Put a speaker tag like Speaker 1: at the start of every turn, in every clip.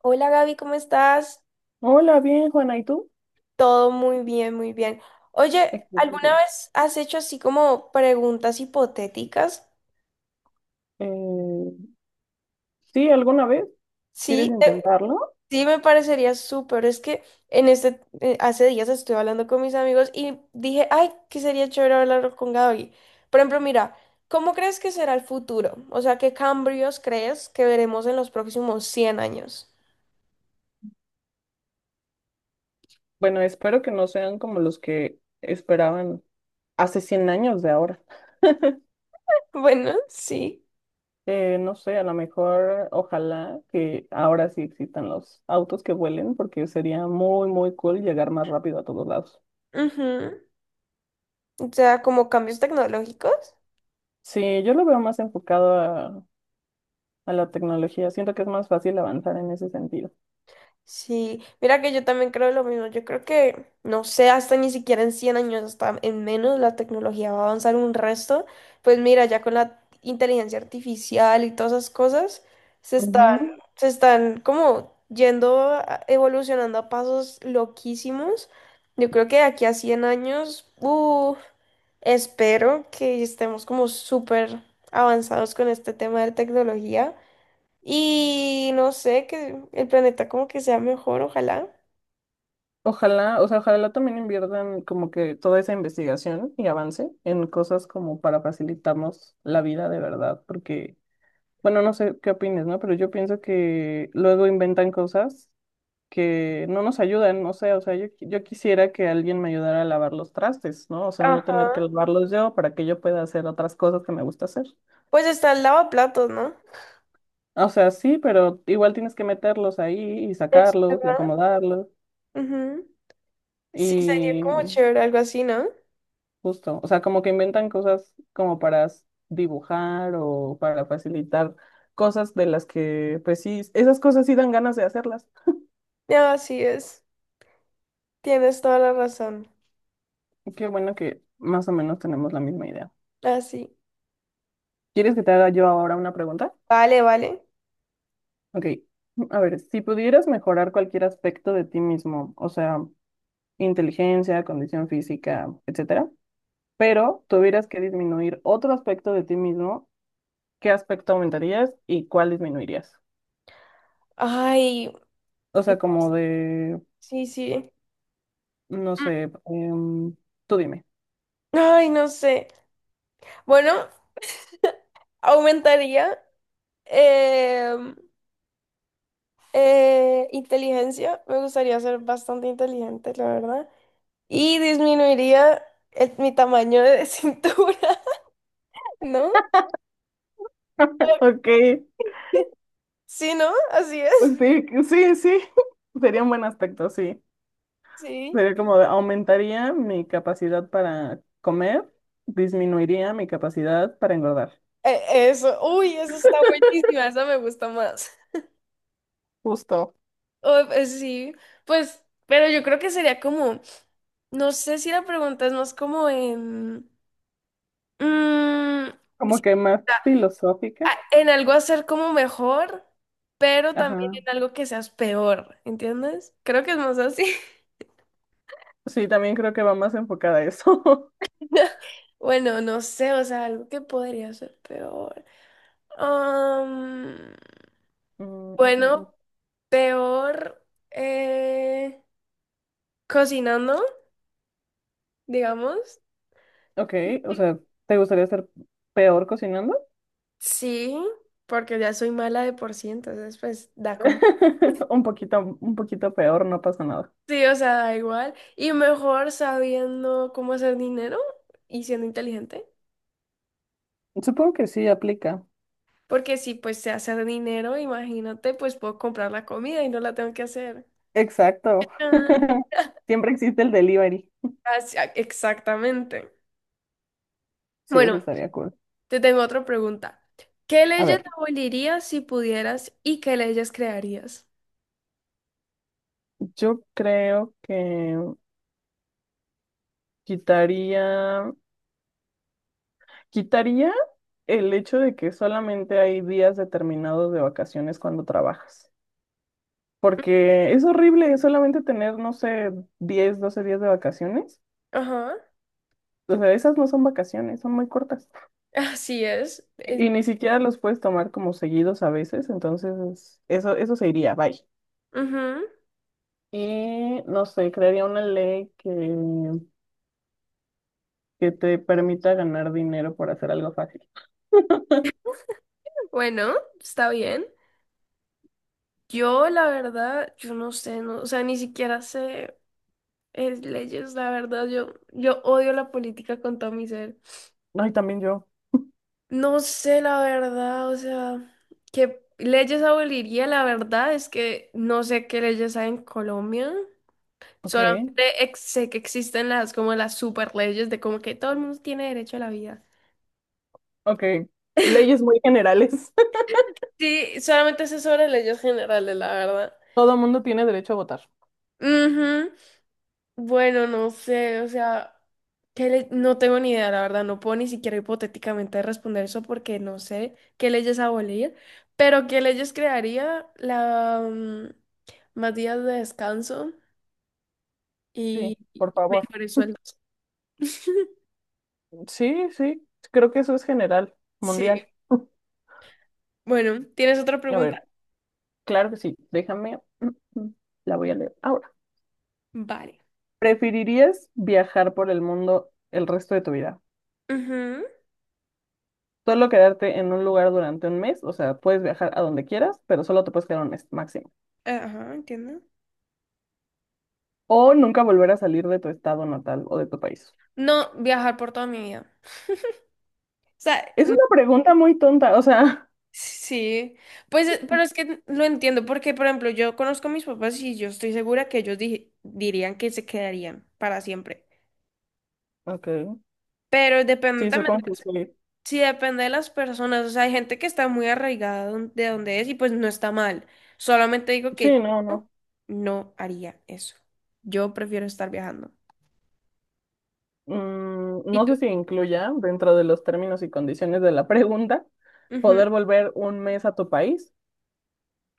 Speaker 1: Hola Gaby, ¿cómo estás?
Speaker 2: Hola, bien, Juana, ¿y tú?
Speaker 1: Todo muy bien, muy bien. Oye, ¿alguna
Speaker 2: Excelente.
Speaker 1: vez has hecho así como preguntas hipotéticas?
Speaker 2: Eh, sí, ¿alguna vez
Speaker 1: Sí,
Speaker 2: quieres intentarlo?
Speaker 1: sí, me parecería súper. Es que en este, hace días estuve hablando con mis amigos y dije, ay, que sería chévere hablar con Gaby. Por ejemplo, mira, ¿cómo crees que será el futuro? O sea, ¿qué cambios crees que veremos en los próximos 100 años?
Speaker 2: Bueno, espero que no sean como los que esperaban hace 100 años de ahora.
Speaker 1: Bueno, sí.
Speaker 2: No sé, a lo mejor, ojalá que ahora sí existan los autos que vuelen, porque sería muy, muy cool llegar más rápido a todos lados.
Speaker 1: Ujú. O sea, como cambios tecnológicos.
Speaker 2: Sí, yo lo veo más enfocado a la tecnología. Siento que es más fácil avanzar en ese sentido.
Speaker 1: Sí, mira que yo también creo lo mismo. Yo creo que, no sé, hasta ni siquiera en 100 años, hasta en menos, la tecnología va a avanzar un resto. Pues mira, ya con la inteligencia artificial y todas esas cosas, se están,
Speaker 2: Ujú.
Speaker 1: se están como yendo, evolucionando a pasos loquísimos. Yo creo que de aquí a 100 años, uff, espero que estemos como súper avanzados con este tema de tecnología. Y no sé, que el planeta como que sea mejor, ojalá.
Speaker 2: Ojalá, o sea, ojalá también inviertan como que toda esa investigación y avance en cosas como para facilitarnos la vida de verdad, porque, bueno, no sé qué opines, ¿no? Pero yo pienso que luego inventan cosas que no nos ayudan, no sé, o sea, yo quisiera que alguien me ayudara a lavar los trastes, ¿no? O sea, no tener que
Speaker 1: Ajá.
Speaker 2: lavarlos yo para que yo pueda hacer otras cosas que me gusta hacer.
Speaker 1: Pues está el lavaplatos, ¿no?
Speaker 2: O sea, sí, pero igual tienes que meterlos ahí y
Speaker 1: Es
Speaker 2: sacarlos y
Speaker 1: verdad.
Speaker 2: acomodarlos.
Speaker 1: Ujú. Sí, sería
Speaker 2: Y
Speaker 1: como chévere, algo así, ¿no?
Speaker 2: Justo, o sea, como que inventan cosas como para dibujar o para facilitar cosas de las que, pues sí, esas cosas sí dan ganas de hacerlas.
Speaker 1: Ah, así es. Tienes toda la razón.
Speaker 2: Qué bueno que más o menos tenemos la misma idea.
Speaker 1: Así.
Speaker 2: ¿Quieres que te haga yo ahora una pregunta?
Speaker 1: Vale, vale.
Speaker 2: Ok, a ver, si pudieras mejorar cualquier aspecto de ti mismo, o sea, inteligencia, condición física, etcétera, pero tuvieras que disminuir otro aspecto de ti mismo, ¿qué aspecto aumentarías y cuál disminuirías?
Speaker 1: Ay,
Speaker 2: O sea,
Speaker 1: no,
Speaker 2: como de
Speaker 1: sí, sí.
Speaker 2: no sé, tú dime.
Speaker 1: Ay, no sé. Bueno, aumentaría em, inteligencia. Me gustaría ser bastante inteligente, la verdad. Y disminuiría mi tamaño de cintura, ¿no?
Speaker 2: Ok,
Speaker 1: Sí, ¿no? Así
Speaker 2: pues
Speaker 1: es.
Speaker 2: sí, sí, sí, sería un buen aspecto, sí.
Speaker 1: Sí.
Speaker 2: Sería aumentaría mi capacidad para comer, disminuiría mi capacidad para engordar.
Speaker 1: Eso. Uy, eso está buenísima. Esa me gusta más.
Speaker 2: Justo,
Speaker 1: Oh, pues sí. Pues, pero yo creo que sería como. No sé si la pregunta es más como en. mm,
Speaker 2: como que
Speaker 1: si-
Speaker 2: más filosófica.
Speaker 1: en algo hacer como mejor, pero también
Speaker 2: Ajá,
Speaker 1: en algo que seas peor. ¿Entiendes? Creo que es más así.
Speaker 2: sí, también creo que va más enfocada a eso.
Speaker 1: Bueno, no sé, o sea, algo que podría ser peor. Am,
Speaker 2: Mm, mm, mm,
Speaker 1: bueno,
Speaker 2: mm.
Speaker 1: peor eh, cocinando, digamos.
Speaker 2: Ok, o sea, ¿te gustaría ser peor cocinando?
Speaker 1: Sí, porque ya soy mala de por sí, entonces pues da como.
Speaker 2: Un poquito peor, no pasa nada.
Speaker 1: Sí, o sea, da igual. Y mejor sabiendo cómo hacer dinero y siendo inteligente.
Speaker 2: Supongo que sí aplica.
Speaker 1: Porque si pues sé hacer dinero, imagínate, pues puedo comprar la comida y no la tengo que hacer.
Speaker 2: Exacto.
Speaker 1: Ah,
Speaker 2: Siempre existe el delivery.
Speaker 1: exactamente.
Speaker 2: Sí, eso
Speaker 1: Bueno.
Speaker 2: estaría cool.
Speaker 1: Te tengo otra pregunta. ¿Qué
Speaker 2: A
Speaker 1: leyes
Speaker 2: ver,
Speaker 1: abolirías si pudieras y qué leyes crearías?
Speaker 2: yo creo que quitaría, quitaría el hecho de que solamente hay días determinados de vacaciones cuando trabajas, porque es horrible solamente tener, no sé, 10, 12 días de vacaciones.
Speaker 1: Ajá,
Speaker 2: O sea, esas no son vacaciones, son muy cortas.
Speaker 1: así es.
Speaker 2: Y
Speaker 1: Eh,
Speaker 2: ni siquiera los puedes tomar como seguidos a veces, entonces eso se iría, bye.
Speaker 1: ujú.
Speaker 2: Y no sé, crearía una ley que te permita ganar dinero por hacer algo fácil.
Speaker 1: Bueno, está bien. Yo, la verdad, yo no sé, no, o sea, ni siquiera sé leyes, la verdad, yo odio la política con todo mi ser.
Speaker 2: Ay, también yo.
Speaker 1: No sé, la verdad, o sea, qué leyes aboliría, la verdad es que no sé qué leyes hay en Colombia.
Speaker 2: Ok,
Speaker 1: Solamente sé que existen las como las super leyes de como que todo el mundo tiene derecho a la vida.
Speaker 2: ok. Leyes muy generales.
Speaker 1: Sí, solamente sé sobre leyes generales, la verdad.
Speaker 2: Todo el mundo tiene derecho a votar.
Speaker 1: Ujú. Bueno, no sé, o sea, ¿qué no tengo ni idea, la verdad, no puedo ni siquiera hipotéticamente responder eso porque no sé qué leyes abolir, pero qué leyes crearía la más días de descanso y
Speaker 2: Sí,
Speaker 1: y
Speaker 2: por favor.
Speaker 1: mejores sueldos.
Speaker 2: Sí, sí. Creo que eso es general,
Speaker 1: Sí,
Speaker 2: mundial.
Speaker 1: bueno, ¿tienes otra
Speaker 2: A
Speaker 1: pregunta?
Speaker 2: ver, claro que sí. Déjame. La voy a leer ahora.
Speaker 1: Vale.
Speaker 2: ¿Preferirías viajar por el mundo el resto de tu vida?
Speaker 1: Ujú.
Speaker 2: Solo quedarte en un lugar durante un mes, o sea, puedes viajar a donde quieras, pero solo te puedes quedar un mes máximo.
Speaker 1: Ajá, entiendo.
Speaker 2: ¿O nunca volver a salir de tu estado natal o de tu país?
Speaker 1: No viajar por toda mi vida. O sea,
Speaker 2: Es una pregunta muy tonta, o sea,
Speaker 1: sí, pues, pero es que lo entiendo porque, por ejemplo, yo conozco a mis papás y yo estoy segura que ellos dirían que se quedarían para siempre.
Speaker 2: ok,
Speaker 1: Pero depende
Speaker 2: sí,
Speaker 1: también,
Speaker 2: supongo que sí.
Speaker 1: sí, depende de las personas. O sea, hay gente que está muy arraigada de donde es y pues no está mal. Solamente digo que
Speaker 2: Sí, no,
Speaker 1: yo
Speaker 2: no.
Speaker 1: no haría eso. Yo prefiero estar viajando. ¿Y
Speaker 2: No
Speaker 1: tú?
Speaker 2: sé si incluya dentro de los términos y condiciones de la pregunta
Speaker 1: Ujú.
Speaker 2: poder volver un mes a tu país.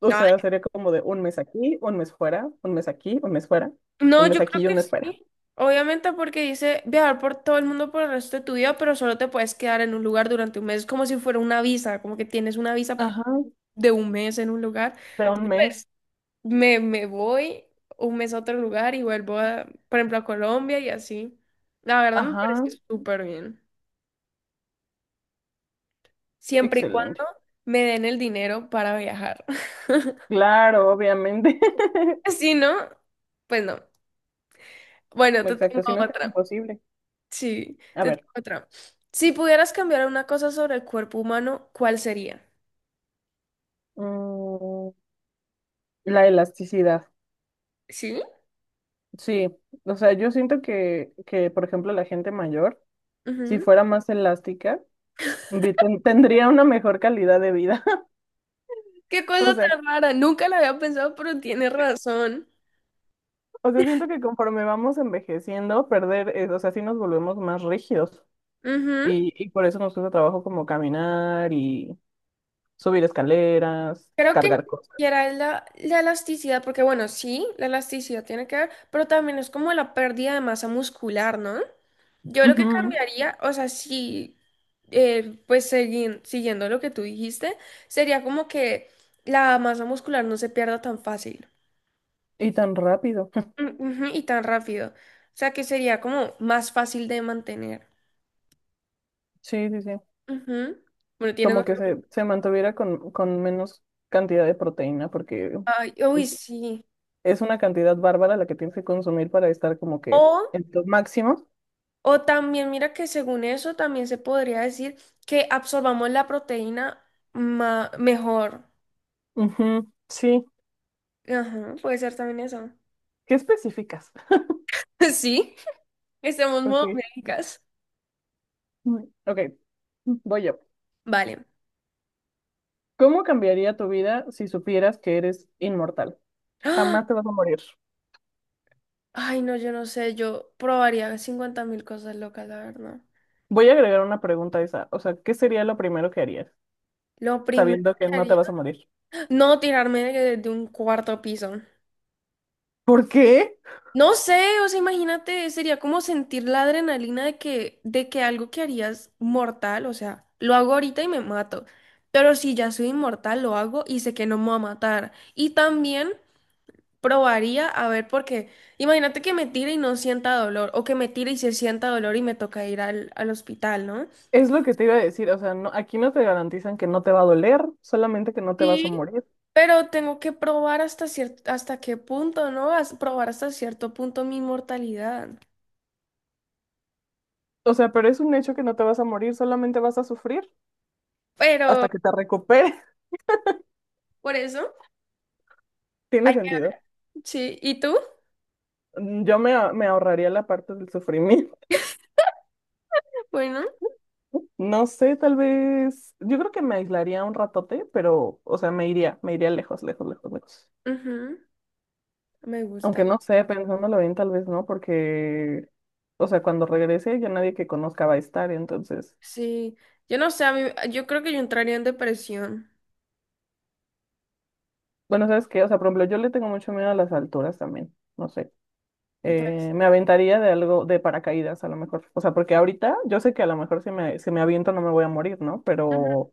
Speaker 2: O
Speaker 1: No,
Speaker 2: sea, sería como de un mes aquí, un mes fuera, un mes aquí, un mes fuera,
Speaker 1: no,
Speaker 2: un mes
Speaker 1: yo
Speaker 2: aquí
Speaker 1: creo
Speaker 2: y un
Speaker 1: que
Speaker 2: mes fuera.
Speaker 1: sí. Obviamente porque dice viajar por todo el mundo por el resto de tu vida, pero solo te puedes quedar en un lugar durante un mes, como si fuera una visa, como que tienes una visa
Speaker 2: Ajá,
Speaker 1: de un mes en un lugar.
Speaker 2: de un mes.
Speaker 1: Pues me voy un mes a otro lugar y vuelvo a, por ejemplo, a Colombia y así. La verdad me
Speaker 2: Ajá,
Speaker 1: parece súper bien. Siempre y cuando
Speaker 2: excelente.
Speaker 1: me den el dinero para viajar.
Speaker 2: Claro, obviamente.
Speaker 1: Si no, pues no. Bueno, te tengo
Speaker 2: Exacto, si no es tan
Speaker 1: otra.
Speaker 2: imposible.
Speaker 1: Sí,
Speaker 2: A
Speaker 1: te
Speaker 2: ver.
Speaker 1: tengo otra. Si pudieras cambiar una cosa sobre el cuerpo humano, ¿cuál sería?
Speaker 2: mm, La elasticidad,
Speaker 1: ¿Sí?
Speaker 2: sí. O sea, yo siento que, por ejemplo, la gente mayor, si
Speaker 1: Ujú.
Speaker 2: fuera más elástica, tendría una mejor calidad de vida.
Speaker 1: Qué
Speaker 2: O
Speaker 1: cosa
Speaker 2: sea,
Speaker 1: tan rara. Nunca la había pensado, pero tienes razón.
Speaker 2: o sea, siento que conforme vamos envejeciendo, perder, o sea, sí nos volvemos más rígidos.
Speaker 1: Ujú.
Speaker 2: Y por eso nos cuesta trabajo como caminar y subir escaleras,
Speaker 1: Creo que ni
Speaker 2: cargar cosas.
Speaker 1: siquiera es la elasticidad, porque bueno, sí, la elasticidad tiene que ver, pero también es como la pérdida de masa muscular, ¿no? Yo lo que
Speaker 2: Ujú,
Speaker 1: cambiaría, o sea, sí, pues siguiendo lo que tú dijiste, sería como que la masa muscular no se pierda tan fácil.
Speaker 2: y tan rápido.
Speaker 1: Mm, ujú, y tan rápido. O sea que sería como más fácil de mantener.
Speaker 2: Sí, sí, sí.
Speaker 1: Ujú. Bueno, tienes
Speaker 2: Como que
Speaker 1: otro-.
Speaker 2: se mantuviera con, menos cantidad de proteína, porque
Speaker 1: Ay, uy, sí.
Speaker 2: es una cantidad bárbara la que tienes que consumir para estar como que
Speaker 1: O,
Speaker 2: en tu máximo.
Speaker 1: o también, mira que según eso también se podría decir que absorbamos la proteína mejor.
Speaker 2: Ujú, sí.
Speaker 1: Ajá, puede ser también eso.
Speaker 2: ¿Qué especificas?
Speaker 1: Sí, estamos
Speaker 2: Ok.
Speaker 1: modo médicas.
Speaker 2: Ok, voy yo.
Speaker 1: Vale.
Speaker 2: ¿Cómo cambiaría tu vida si supieras que eres inmortal?
Speaker 1: ¡Ah!
Speaker 2: Jamás te vas a morir.
Speaker 1: Ay, no, yo no sé, yo probaría 50.000 cosas locas, la verdad.
Speaker 2: Voy a agregar una pregunta a esa. O sea, ¿qué sería lo primero que harías
Speaker 1: Lo primero
Speaker 2: sabiendo que
Speaker 1: que
Speaker 2: no te
Speaker 1: haría,
Speaker 2: vas a morir?
Speaker 1: no tirarme de un cuarto piso.
Speaker 2: ¿Por qué?
Speaker 1: No sé, o sea, imagínate, sería como sentir la adrenalina de que algo que harías mortal, o sea, lo hago ahorita y me mato, pero si ya soy inmortal, lo hago y sé que no me va a matar. Y también probaría a ver, porque imagínate que me tire y no sienta dolor, o que me tire y se sienta dolor y me toca ir al hospital, ¿no?
Speaker 2: Es lo que te iba a decir. O sea, no, aquí no te garantizan que no te va a doler, solamente que no te vas a
Speaker 1: Sí,
Speaker 2: morir.
Speaker 1: pero tengo que probar hasta cierto, hasta qué punto, ¿no? Probar hasta cierto punto mi inmortalidad.
Speaker 2: O sea, pero es un hecho que no te vas a morir, solamente vas a sufrir
Speaker 1: Pero
Speaker 2: hasta que te recuperes.
Speaker 1: por eso,
Speaker 2: Tiene
Speaker 1: ay,
Speaker 2: sentido.
Speaker 1: sí, ¿y tú?
Speaker 2: Yo me ahorraría la parte del sufrimiento.
Speaker 1: Bueno,
Speaker 2: No sé, tal vez. Yo creo que me aislaría un ratote, pero, o sea, me iría lejos, lejos, lejos, lejos.
Speaker 1: ujú, me gusta.
Speaker 2: Aunque no sé, pensándolo bien, tal vez no, porque, o sea, cuando regrese ya nadie que conozca va a estar, entonces.
Speaker 1: Sí, yo no sé, a mí, yo creo que yo entraría en depresión.
Speaker 2: Bueno, ¿sabes qué? O sea, por ejemplo, yo le tengo mucho miedo a las alturas también, no sé.
Speaker 1: Pues,
Speaker 2: Me aventaría de algo de paracaídas a lo mejor. O sea, porque ahorita yo sé que a lo mejor si me aviento no me voy a morir, ¿no?
Speaker 1: ujú,
Speaker 2: Pero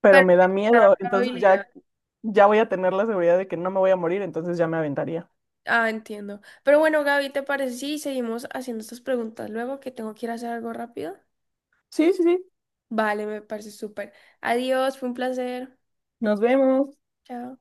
Speaker 2: pero
Speaker 1: pero
Speaker 2: me da
Speaker 1: está la
Speaker 2: miedo, entonces
Speaker 1: probabilidad.
Speaker 2: ya voy a tener la seguridad de que no me voy a morir, entonces ya me aventaría.
Speaker 1: Ah, entiendo. Pero bueno, Gaby, ¿te parece si seguimos haciendo estas preguntas luego que tengo que ir a hacer algo rápido?
Speaker 2: Sí, sí, sí,
Speaker 1: Vale, me parece súper. Adiós, fue un placer.
Speaker 2: nos vemos.
Speaker 1: Chao.